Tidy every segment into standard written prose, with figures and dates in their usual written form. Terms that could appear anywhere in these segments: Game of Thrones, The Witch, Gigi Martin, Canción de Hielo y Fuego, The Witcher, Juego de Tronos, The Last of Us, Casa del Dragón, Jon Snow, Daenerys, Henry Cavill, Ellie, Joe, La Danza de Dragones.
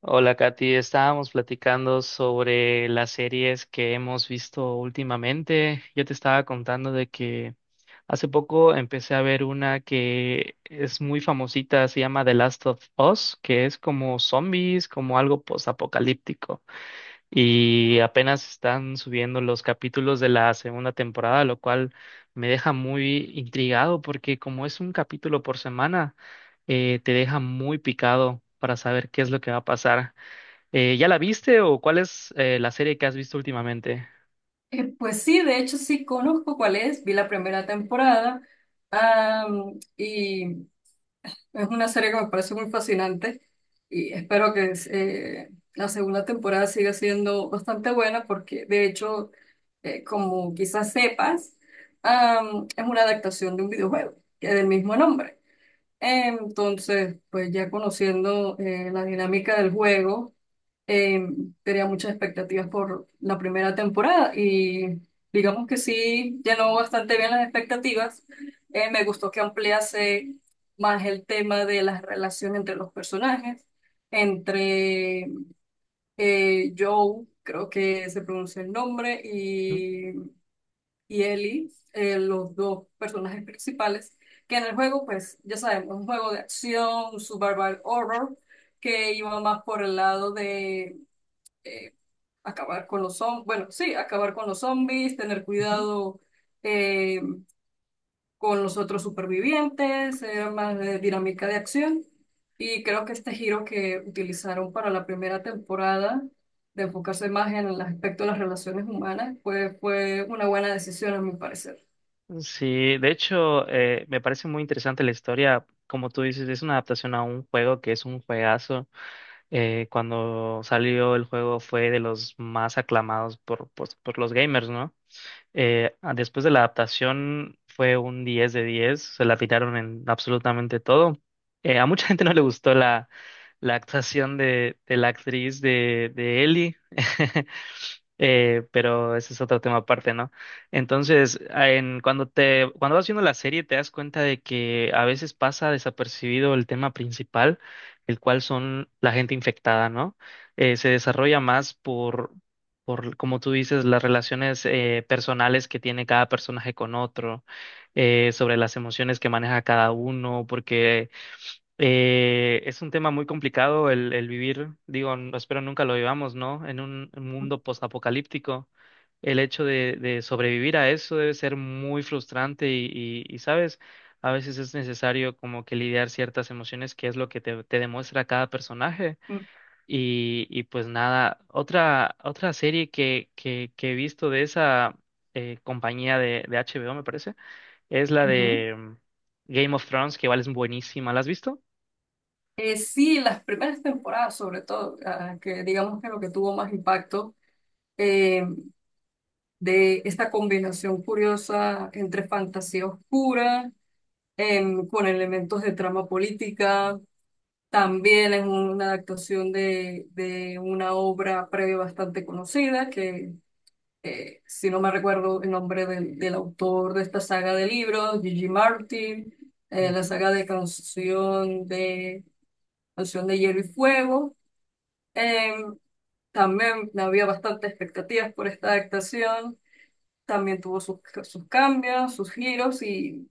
Hola, Katy. Estábamos platicando sobre las series que hemos visto últimamente. Yo te estaba contando de que hace poco empecé a ver una que es muy famosita, se llama The Last of Us, que es como zombies, como algo postapocalíptico. Y apenas están subiendo los capítulos de la segunda temporada, lo cual me deja muy intrigado porque como es un capítulo por semana, te deja muy picado para saber qué es lo que va a pasar. ¿Ya la viste o cuál es la serie que has visto últimamente? Pues sí, de hecho sí conozco cuál es. Vi la primera temporada y es una serie que me parece muy fascinante y espero que la segunda temporada siga siendo bastante buena porque de hecho, como quizás sepas, es una adaptación de un videojuego que es del mismo nombre. Entonces, pues ya conociendo la dinámica del juego, eh, tenía muchas expectativas por la primera temporada y digamos que sí llenó bastante bien las expectativas. Me gustó que ampliase más el tema de la relación entre los personajes, entre Joe, creo que se pronuncia el nombre, Ujú, y Ellie, los dos personajes principales, que en el juego, pues ya sabemos, un juego de acción, un survival horror, que iba más por el lado de eh, acabar con los zombies. Bueno, sí, acabar con los zombies, tener ujú. cuidado eh, con los otros supervivientes, era más de dinámica de acción. Y creo que este giro que utilizaron para la primera temporada, de enfocarse más en el aspecto de las relaciones humanas, pues fue una buena decisión a mi parecer. Sí, de hecho, me parece muy interesante la historia. Como tú dices, es una adaptación a un juego que es un juegazo. Cuando salió el juego fue de los más aclamados por los gamers, ¿no? Después de la adaptación fue un 10 de diez, se la tiraron en absolutamente todo. A mucha gente no le gustó la actuación de la actriz de Ellie. Pero ese es otro tema aparte, ¿no? Entonces, cuando vas viendo la serie te das cuenta de que a veces pasa desapercibido el tema principal, el cual son la gente infectada, ¿no? Se desarrolla más por, como tú dices, las relaciones personales que tiene cada personaje con otro, sobre las emociones que maneja cada uno, porque es un tema muy complicado el vivir, digo, espero nunca lo vivamos, ¿no? En un mundo postapocalíptico, el hecho de sobrevivir a eso debe ser muy frustrante y, ¿sabes? A veces es necesario como que lidiar ciertas emociones, que es lo que te demuestra cada personaje. Mm. Y pues nada, otra serie que he visto de esa compañía de HBO, me parece, es la Ujú. de Game of Thrones, que igual es buenísima. ¿La has visto? Sí, las primeras temporadas, sobre todo, que digamos que lo que tuvo más impacto eh, de esta combinación curiosa entre fantasía oscura, con elementos de trama política, también es una adaptación de una obra previa bastante conocida, que si no me recuerdo el nombre del autor de esta saga de libros, Gigi Martin, la Ujú. saga de canción de... Canción de Hielo y Fuego. Eh, También había bastantes expectativas por esta adaptación. También tuvo sus cambios, sus giros y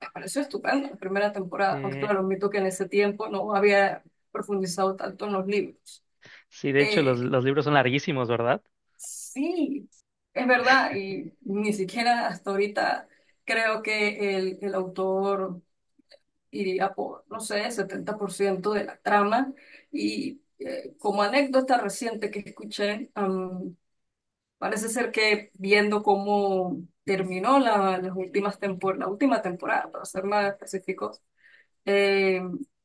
me pareció estupendo la primera temporada. Aunque Eh, claro, admito que en ese tiempo no había profundizado tanto en los libros. sí, de hecho, Eh, los libros son larguísimos, ¿verdad? sí, es verdad y ni siquiera hasta ahorita creo que el autor iría por, no sé, 70% de la trama y como anécdota reciente que escuché, parece ser que viendo cómo terminó las últimas la última temporada, para ser más específicos, eh,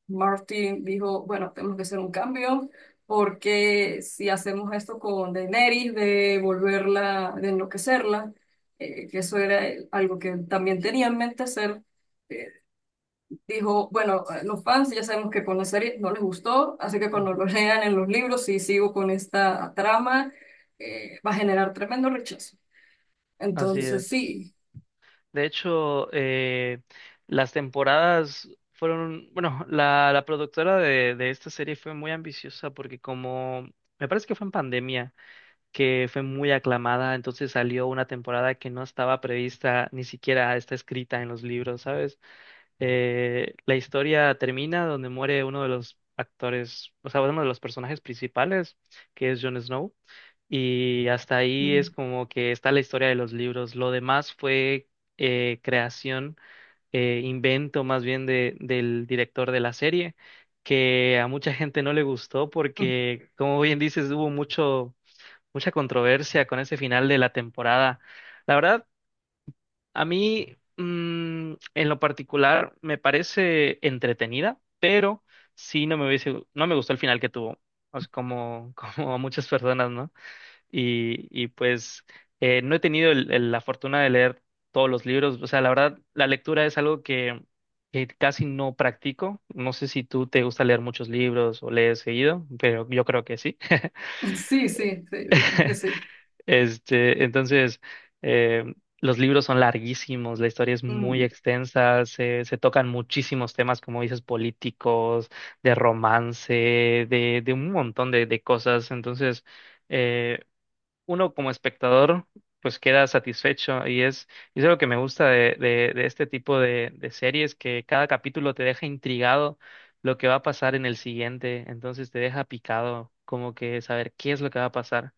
Martin dijo, bueno, tenemos que hacer un cambio porque si hacemos esto con Daenerys, de volverla, de enloquecerla, que eso era algo que también tenía en mente hacer, eh, dijo, bueno, los fans ya sabemos que con la serie no les gustó, así que cuando Ujú. lo lean en los libros, si sigo con esta trama, va a generar tremendo rechazo. Así Entonces, es. sí. De hecho, las temporadas fueron, bueno, la productora de esta serie fue muy ambiciosa porque como, me parece que fue en pandemia que fue muy aclamada, entonces salió una temporada que no estaba prevista, ni siquiera está escrita en los libros, ¿sabes? La historia termina donde muere uno de los actores, o sea, uno de los personajes principales, que es Jon Snow, y hasta ahí es Mm. como que está la historia de los libros. Lo demás fue creación, invento más bien del director de la serie, que a mucha gente no le gustó porque, como bien dices, hubo mucho mucha controversia con ese final de la temporada. La verdad, a mí, en lo particular, me parece entretenida, pero sí no me gustó el final que tuvo. O sea, como, como a muchas personas, ¿no? Y pues no he tenido la fortuna de leer todos los libros. O sea, la verdad, la lectura es algo que casi no practico. No sé si tú te gusta leer muchos libros o lees seguido, pero yo creo que sí. Sí, sí, sí, digamos que sí. Este, entonces, eh, los libros son larguísimos, la historia es muy Mm. extensa, se tocan muchísimos temas, como dices, políticos, de romance, de un montón de cosas. Entonces, eh, uno como espectador, pues queda satisfecho y es lo que me gusta de este tipo de series, que cada capítulo te deja intrigado lo que va a pasar en el siguiente, entonces te deja picado, como que saber qué es lo que va a pasar.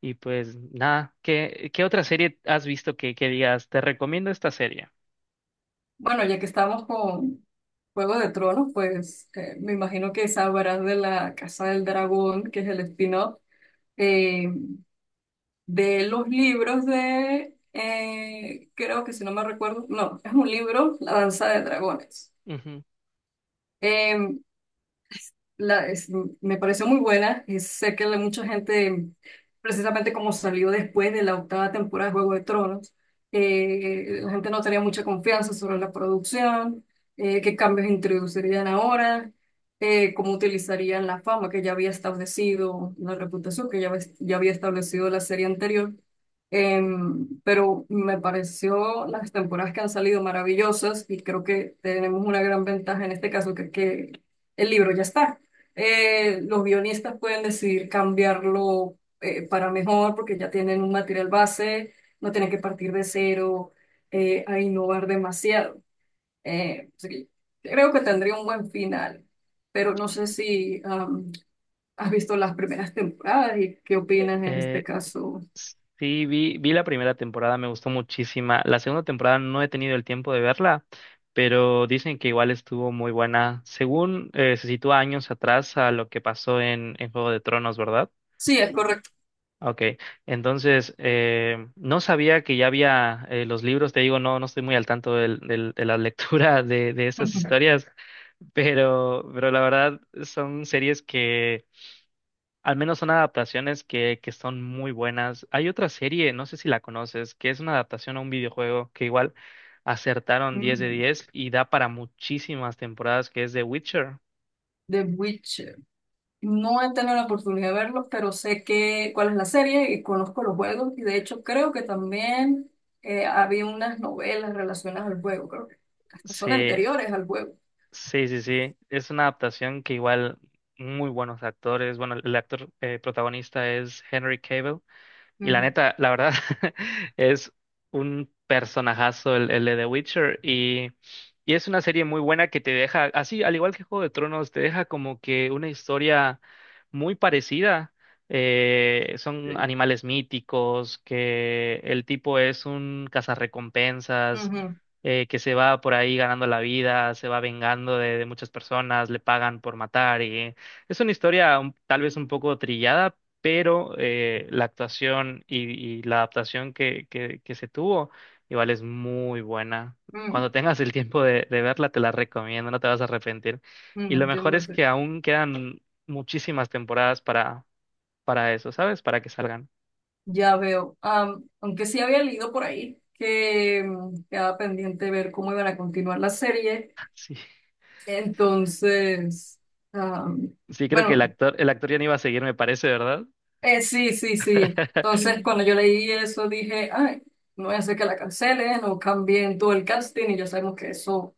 Y pues nada, ¿qué otra serie has visto que digas, te recomiendo esta serie? Bueno, ya que estamos con Juego de Tronos, pues me imagino que sabrás de la Casa del Dragón, que es el spin-off, eh, de los libros de, creo que si no me recuerdo, no, es un libro, La Danza de Dragones. Ujú. Eh, la, es- Me pareció muy buena. Y sé que mucha gente, precisamente como salió después de la octava temporada de Juego de Tronos, la gente no tenía mucha confianza sobre la producción, qué cambios introducirían ahora, cómo utilizarían la fama que ya había establecido, la reputación que ya, ya había establecido la serie anterior. Pero me pareció las temporadas que han salido maravillosas y creo que tenemos una gran ventaja en este caso, que el libro ya está, los guionistas pueden decidir cambiarlo para mejor porque ya tienen un material base, no tienen que partir de cero a innovar demasiado. Así que creo que tendría un buen final, pero no sé si has visto las primeras temporadas y qué opinas en este Eh, caso. sí, vi la primera temporada, me gustó muchísima. La segunda temporada no he tenido el tiempo de verla, pero dicen que igual estuvo muy buena. Según se sitúa años atrás a lo que pasó en Juego de Tronos, ¿verdad? Sí, es correcto. Ok, entonces no sabía que ya había los libros, te digo, no, no estoy muy al tanto de la lectura de estas historias, pero la verdad son series que al menos son adaptaciones que son muy buenas. Hay otra serie, no sé si la conoces, que es una adaptación a un videojuego que igual acertaron 10 de Ujú. 10 y da para muchísimas temporadas, que es The Witcher. The Witch No he tenido la oportunidad de verlos, pero sé que cuál es la serie y conozco los juegos. Y de hecho creo que también había unas novelas relacionadas al juego, creo que hasta son anteriores al juego. Sí, sí, sí. Es una adaptación que igual muy buenos actores. Bueno, el actor protagonista es Henry Cavill. Y la Ujú. neta, la verdad, es un personajazo el de The Witcher y es una serie muy buena que te deja, así, al igual que Juego de Tronos, te deja como que una historia muy parecida. Son Sí. animales míticos, que el tipo es un cazarrecompensas, Ujú, que se va por ahí ganando la vida, se va vengando de muchas personas, le pagan por matar y es una historia tal vez un poco trillada pero la actuación y la adaptación que se tuvo igual es muy buena. mm, Cuando tengas el tiempo de verla, te la recomiendo, no te vas a arrepentir. Y lo mejor entiendo, es sí. que aún quedan muchísimas temporadas para eso, ¿sabes? Para que salgan. Ya veo. Aunque sí había leído por ahí que quedaba pendiente ver cómo iban a continuar la serie. Sí, Entonces, am, sí, creo que bueno, el actor ya no iba a seguir, me parece, ¿verdad? Sí, sí, sí. Entonces, cuando yo leí eso, dije, ay, no voy a hacer que la cancelen o cambien todo el casting y ya sabemos que eso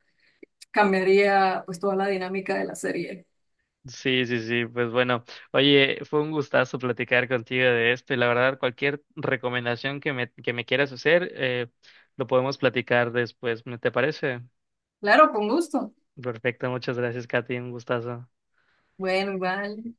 cambiaría pues toda la dinámica de la serie. Sí, sí, sí, pues bueno, oye, fue un gustazo platicar contigo de esto y la verdad cualquier recomendación que que me quieras hacer, lo podemos platicar después, ¿me te parece? Claro, con gusto. Perfecto, muchas gracias, Katy, un gustazo. Bueno, igual.